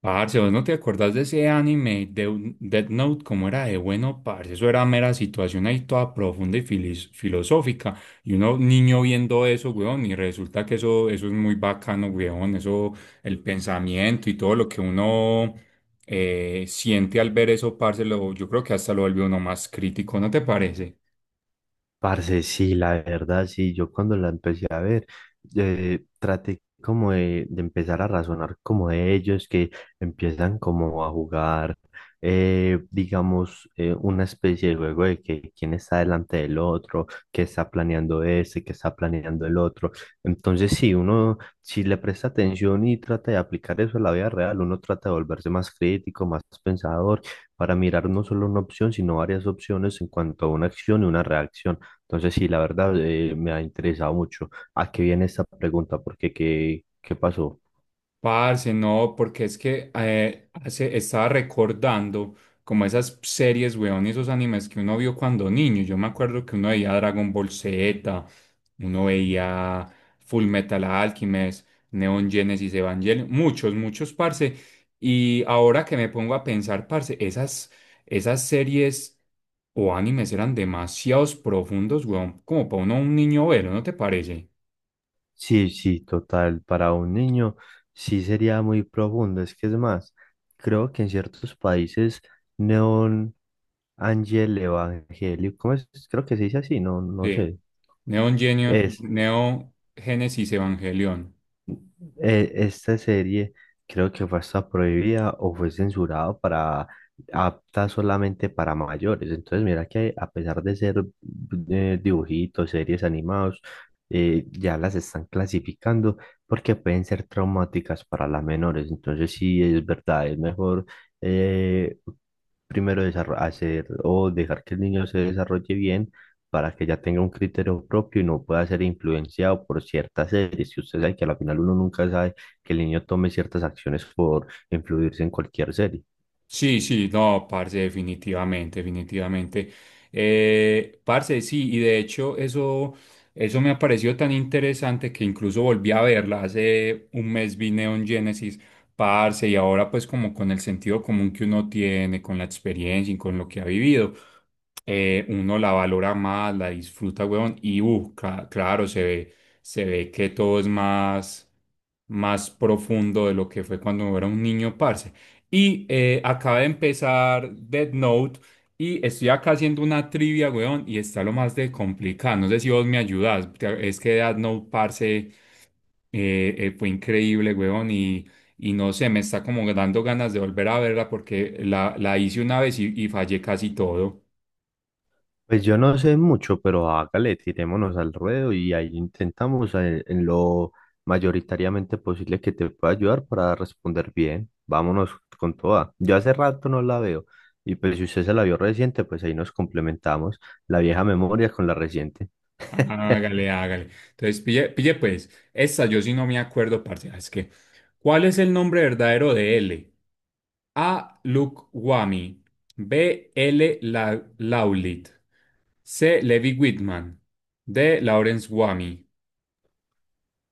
Parce, ¿vos no te acordás de ese anime de Death Note? ¿Cómo era de bueno, parce? Eso era mera situación ahí toda profunda y filosófica. Y uno niño viendo eso, weón, y resulta que eso es muy bacano, weón. Eso, el pensamiento y todo lo que uno siente al ver eso, parce, yo creo que hasta lo vuelve uno más crítico, ¿no te parece? Parce, sí, la verdad, sí, yo cuando la empecé a ver, traté como de empezar a razonar como de ellos que empiezan como a jugar, digamos, una especie de juego de que quién está delante del otro, qué está planeando ese, qué está planeando el otro. Entonces, sí, uno, si le presta atención y trata de aplicar eso a la vida real, uno trata de volverse más crítico, más pensador, para mirar no solo una opción, sino varias opciones en cuanto a una acción y una reacción. Entonces, sí, la verdad me ha interesado mucho. ¿A qué viene esta pregunta? ¿Porque qué, qué pasó? Parce, no, porque es que hace, estaba recordando como esas series, weón, y esos animes que uno vio cuando niño. Yo me acuerdo que uno veía Dragon Ball Z, uno veía Full Metal Alchemist, Neon Genesis Evangelion, muchos, muchos, parce. Y ahora que me pongo a pensar, parce, esas series o animes eran demasiados profundos, weón, como para uno un niño verlo, ¿no te parece? Sí, sí, total, para un niño sí sería muy profundo. Es que es más, creo que en ciertos países neón ángel evangélico, ¿cómo es? Creo que se dice así, no, no Sí. sé. Es Neo Génesis Evangelion. eh, esta serie creo que fue hasta prohibida o fue censurada para apta solamente para mayores. Entonces, mira que a pesar de ser dibujitos, series animados, ya las están clasificando porque pueden ser traumáticas para las menores. Entonces, sí, es verdad, es mejor eh, primero hacer o dejar que el niño se desarrolle bien para que ya tenga un criterio propio y no pueda ser influenciado por ciertas series. Y usted sabe que a la final uno nunca sabe que el niño tome ciertas acciones por influirse en cualquier serie. Sí, sí, no, parce, definitivamente, definitivamente. Parce, sí, y de hecho eso me ha parecido tan interesante que incluso volví a verla. Hace un mes vi Neon Genesis, parce, y ahora pues como con el sentido común que uno tiene, con la experiencia y con lo que ha vivido, uno la valora más, la disfruta, weón, y claro, se ve que todo es más, más profundo de lo que fue cuando era un niño, parce. Y acaba de empezar Dead Note y estoy acá haciendo una trivia, weón, y está lo más de complicado. No sé si vos me ayudas. Es que Dead Note, parce, fue increíble, weón, y no sé, me está como dando ganas de volver a verla porque la hice una vez y fallé casi todo. Pues yo no sé mucho, pero hágale, tirémonos al ruedo y ahí intentamos lo mayoritariamente posible que te pueda ayudar para responder bien. Vámonos con toda. Yo hace rato no la veo y pues si usted se la vio reciente, pues ahí nos complementamos la vieja memoria con la reciente. Hágale, hágale. Entonces, pille, pille pues, esta yo sí no me acuerdo, parce. Es que, ¿cuál es el nombre verdadero de L? A. Lukwami. B. L. Laulit. C. Levi Whitman. D. Lawrence Wamy.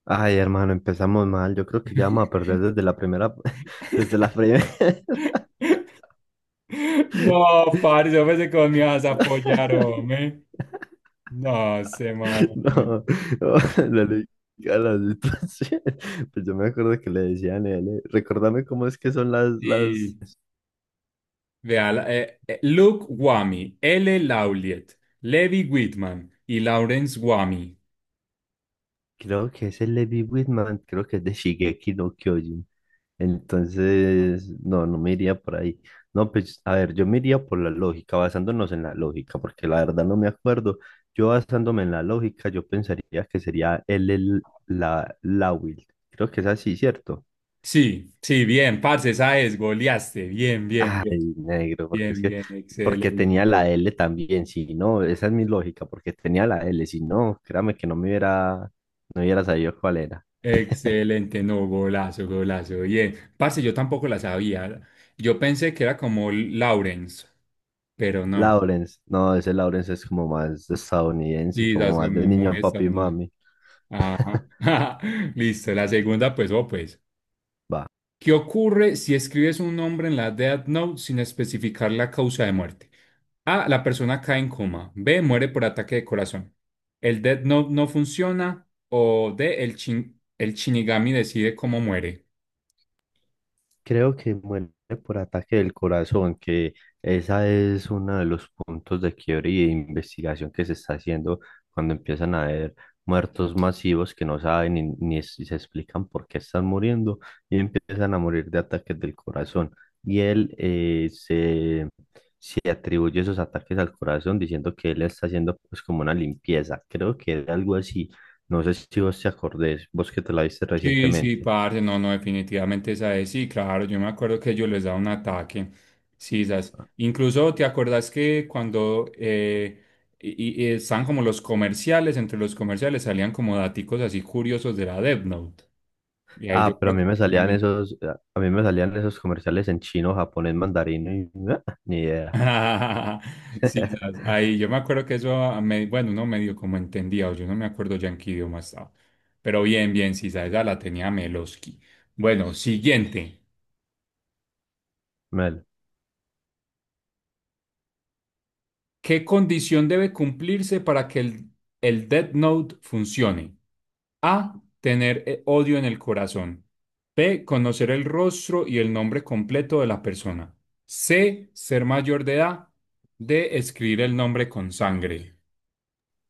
Ay, hermano, empezamos mal. Yo creo que ya vamos a perder desde la primera, desde la primera. No, parce, yo pensé que vos me ibas a apoyar, hombre. No sé, mano. Hombre. No, no, la ley- a la situación. Pues yo me acuerdo que le decían él. Recordame cómo es que son las, Sí. las. Vea, Luke Wamy, L. Lauliet, Levi Whitman y Lawrence Wamy. Creo que es el Levi Whitman, creo que es de Shigeki no Kyojin. Entonces, no, no me iría por ahí. No, pues, a ver, yo me iría por la lógica, basándonos en la lógica, porque la verdad no me acuerdo. Yo basándome en la lógica, yo pensaría que sería la Will. Creo que es así, ¿cierto? Sí, sí, bien, parce, esa es, goleaste. Bien, bien, bien, Ay, negro, porque es bien, que, bien, porque tenía excelente. la L también, si no, esa es mi lógica, porque tenía la L, si no, créame que no me hubiera, no hubiera sabido cuál era. Excelente, no, golazo, golazo. Bien, parce, yo tampoco la sabía. Yo pensé que era como Lawrence, pero no. Lawrence, no, ese Lawrence es como más estadounidense, Sí, como das más de como muy niño, papi y estadounidense. mami. Ajá. Listo, la segunda, pues, oh, pues. Va. ¿Qué ocurre si escribes un nombre en la Death Note sin especificar la causa de muerte? A, la persona cae en coma. B, muere por ataque de corazón. El Death Note no funciona. O D, el Shinigami decide cómo muere. Creo que muere por ataque del corazón, que esa es uno de los puntos de quiebre y de investigación que se está haciendo cuando empiezan a haber muertos masivos que no saben ni, ni es- se explican por qué están muriendo y empiezan a morir de ataques del corazón. Y él se atribuye esos ataques al corazón diciendo que él está haciendo pues como una limpieza. Creo que era algo así. No sé si vos te acordés, vos que te la viste Sí, sí, recientemente. parce, no, no, definitivamente esa es, sí, claro, yo me acuerdo que yo les daba un ataque, sí, esas, incluso te acuerdas que cuando y están como los comerciales, entre los comerciales salían como daticos así curiosos de la Death Note, y ahí yo Ah, pero a creo mí que me salían querían- esos, a mí me salían esos comerciales en chino, japonés, mandarín, y, ah, ni idea. sí, esas, ahí yo me acuerdo que eso, bueno, no medio como entendía, o yo no me acuerdo ya en qué idioma estaba, pero bien, bien, sí, esa la tenía Meloski. Bueno, siguiente. Me. ¿Qué condición debe cumplirse para que el Death Note funcione? A. Tener odio en el corazón. B. Conocer el rostro y el nombre completo de la persona. C. Ser mayor de edad. D. Escribir el nombre con sangre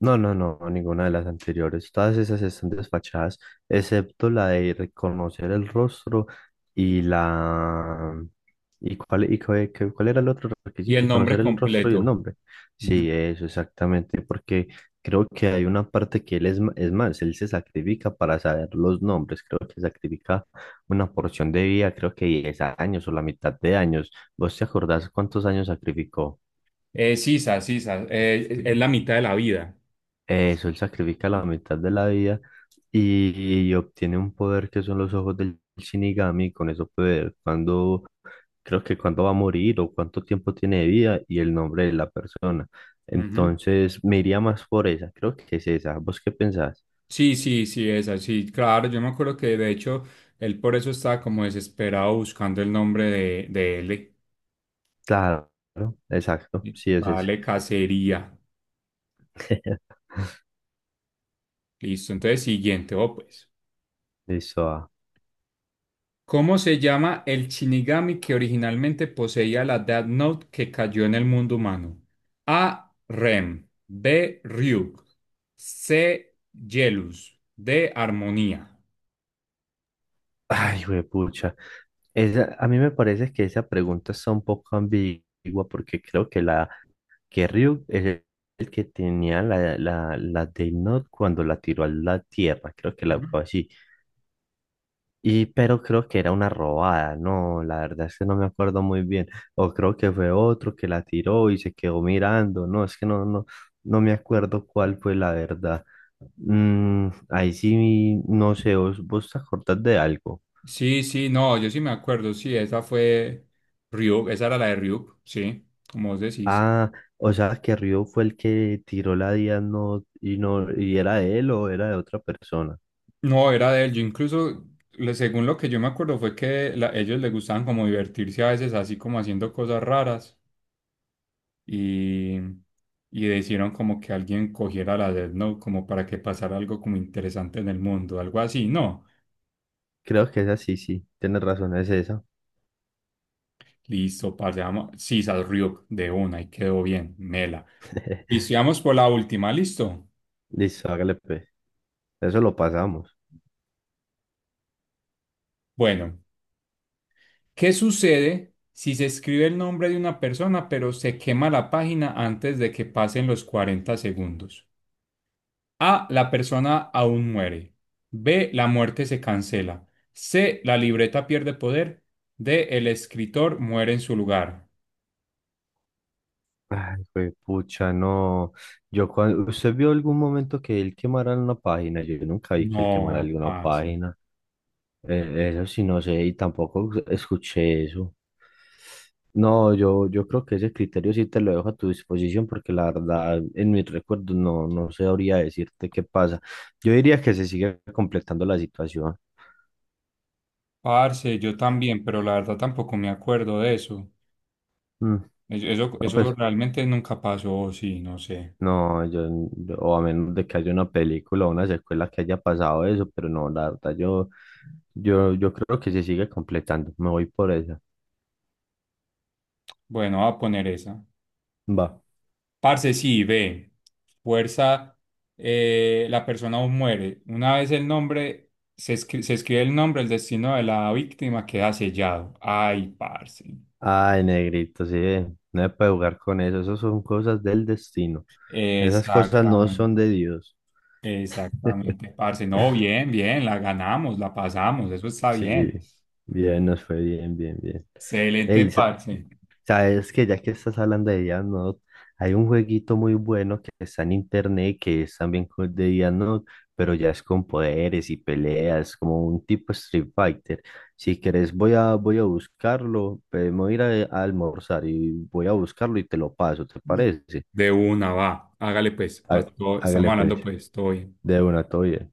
No, no, no, ninguna de las anteriores. Todas esas están desfachadas, excepto la de reconocer el rostro y la... ¿Y cuál, cuál era el otro y el requisito? nombre Conocer el rostro y el completo. nombre. Sí, Ujú. eso exactamente, porque creo que hay una parte que él es más, él se sacrifica para saber los nombres, creo que sacrifica una porción de vida, creo que 10 años o la mitad de años. ¿Vos te acordás cuántos años sacrificó? Sisa, Sisa, sí. Es la mitad de la vida. Eso, él sacrifica la mitad de la vida y obtiene un poder que son los ojos del Shinigami. Con eso puede, cuando, creo que cuando va a morir o cuánto tiempo tiene de vida y el nombre de la persona. Ujú. Entonces, me iría más por esa, creo que es esa. ¿Vos qué pensás? Sí, sí, sí, es así. Claro, yo me acuerdo que de hecho él por eso estaba como desesperado buscando el nombre de él. Claro, exacto, sí es ese. Vale, cacería. Listo. Entonces, siguiente. Oh, pues. Listo. Ah. ¿Cómo se llama el Shinigami que originalmente poseía la Death Note que cayó en el mundo humano? A. Rem. B. Ryuk. C. Yelus. D. Armonía. Ay, pucha. Esa, a mí me parece que esa pregunta está un poco ambigua porque creo que la que Ryuk es el que tenía la Death Note cuando la tiró a la tierra, creo que la Ujú. fue así. Y, pero creo que era una robada, no, la verdad es que no me acuerdo muy bien. O creo que fue otro que la tiró y se quedó mirando, no, es que no me acuerdo cuál fue la verdad. Mm, ahí sí, no sé, ¿vos, vos te acordás de algo? Sí, sí, no, yo sí me acuerdo. Sí, esa fue Ryuk. Esa era la de Ryuk. Sí, como vos decís. Ah, o sea, que Ryu fue el que tiró la Death Note y, no, y era de él o era de otra persona. No, era de él. Yo incluso, según lo que yo me acuerdo, fue que ellos les gustaban como divertirse a veces así como haciendo cosas raras y, y decidieron como que alguien cogiera la Death Note como para que pasara algo como interesante en el mundo, algo así. No, Creo que esa sí, sí, tienes razón, es esa. listo, pasamos. Sisas Ryuk de una y quedó bien, mela. Listo, y vamos por la última, listo. Listo, hágale pues. Eso lo pasamos. Bueno, ¿qué sucede si se escribe el nombre de una persona pero se quema la página antes de que pasen los 40 segundos? A. La persona aún muere. B. La muerte se cancela. C. La libreta pierde poder. D. El escritor muere en su lugar. Ay, pues, pucha, no. Yo cuando... ¿Usted vio algún momento que él quemara una página? Yo nunca vi que él quemara No, alguna parce. página. Eso sí, no sé, y tampoco escuché eso. No, yo creo que ese criterio sí te lo dejo a tu disposición porque la verdad en mis recuerdos no, no sabría decirte qué pasa. Yo diría que se sigue completando la situación. Parce, yo también, pero la verdad tampoco me acuerdo de eso. Mm, Es- Eso, no, eso pues realmente nunca pasó, o sí, no sé. no, o a menos de que haya una película o una secuela que haya pasado eso, pero no, la verdad, yo creo que se sigue completando. Me voy por esa. Bueno, voy a poner esa. Va. Parce, sí, ve, fuerza, la persona aún muere. Una vez el nombre, se escribe el nombre, el destino de la víctima queda sellado. Ay, parce. Ay, negrito, sí, no se puede jugar con eso. Esas son cosas del destino. Esas cosas no son Exactamente, de Dios. exactamente, parce. No, bien, bien, la ganamos, la pasamos, eso está Sí, bien. bien, nos fue bien, bien, bien. Ey, Excelente, parce. sabes que ya que estás hablando de Death hay un jueguito muy bueno que está en internet que es también de Death Note, pero ya es con poderes y peleas, como un tipo Street Fighter. Si quieres, voy a buscarlo, me voy a ir a almorzar y voy a buscarlo y te lo paso, ¿te parece? De una, va, hágale pues, Há- Hágale estamos hablando pues, pues, todo bien. de una, todo bien.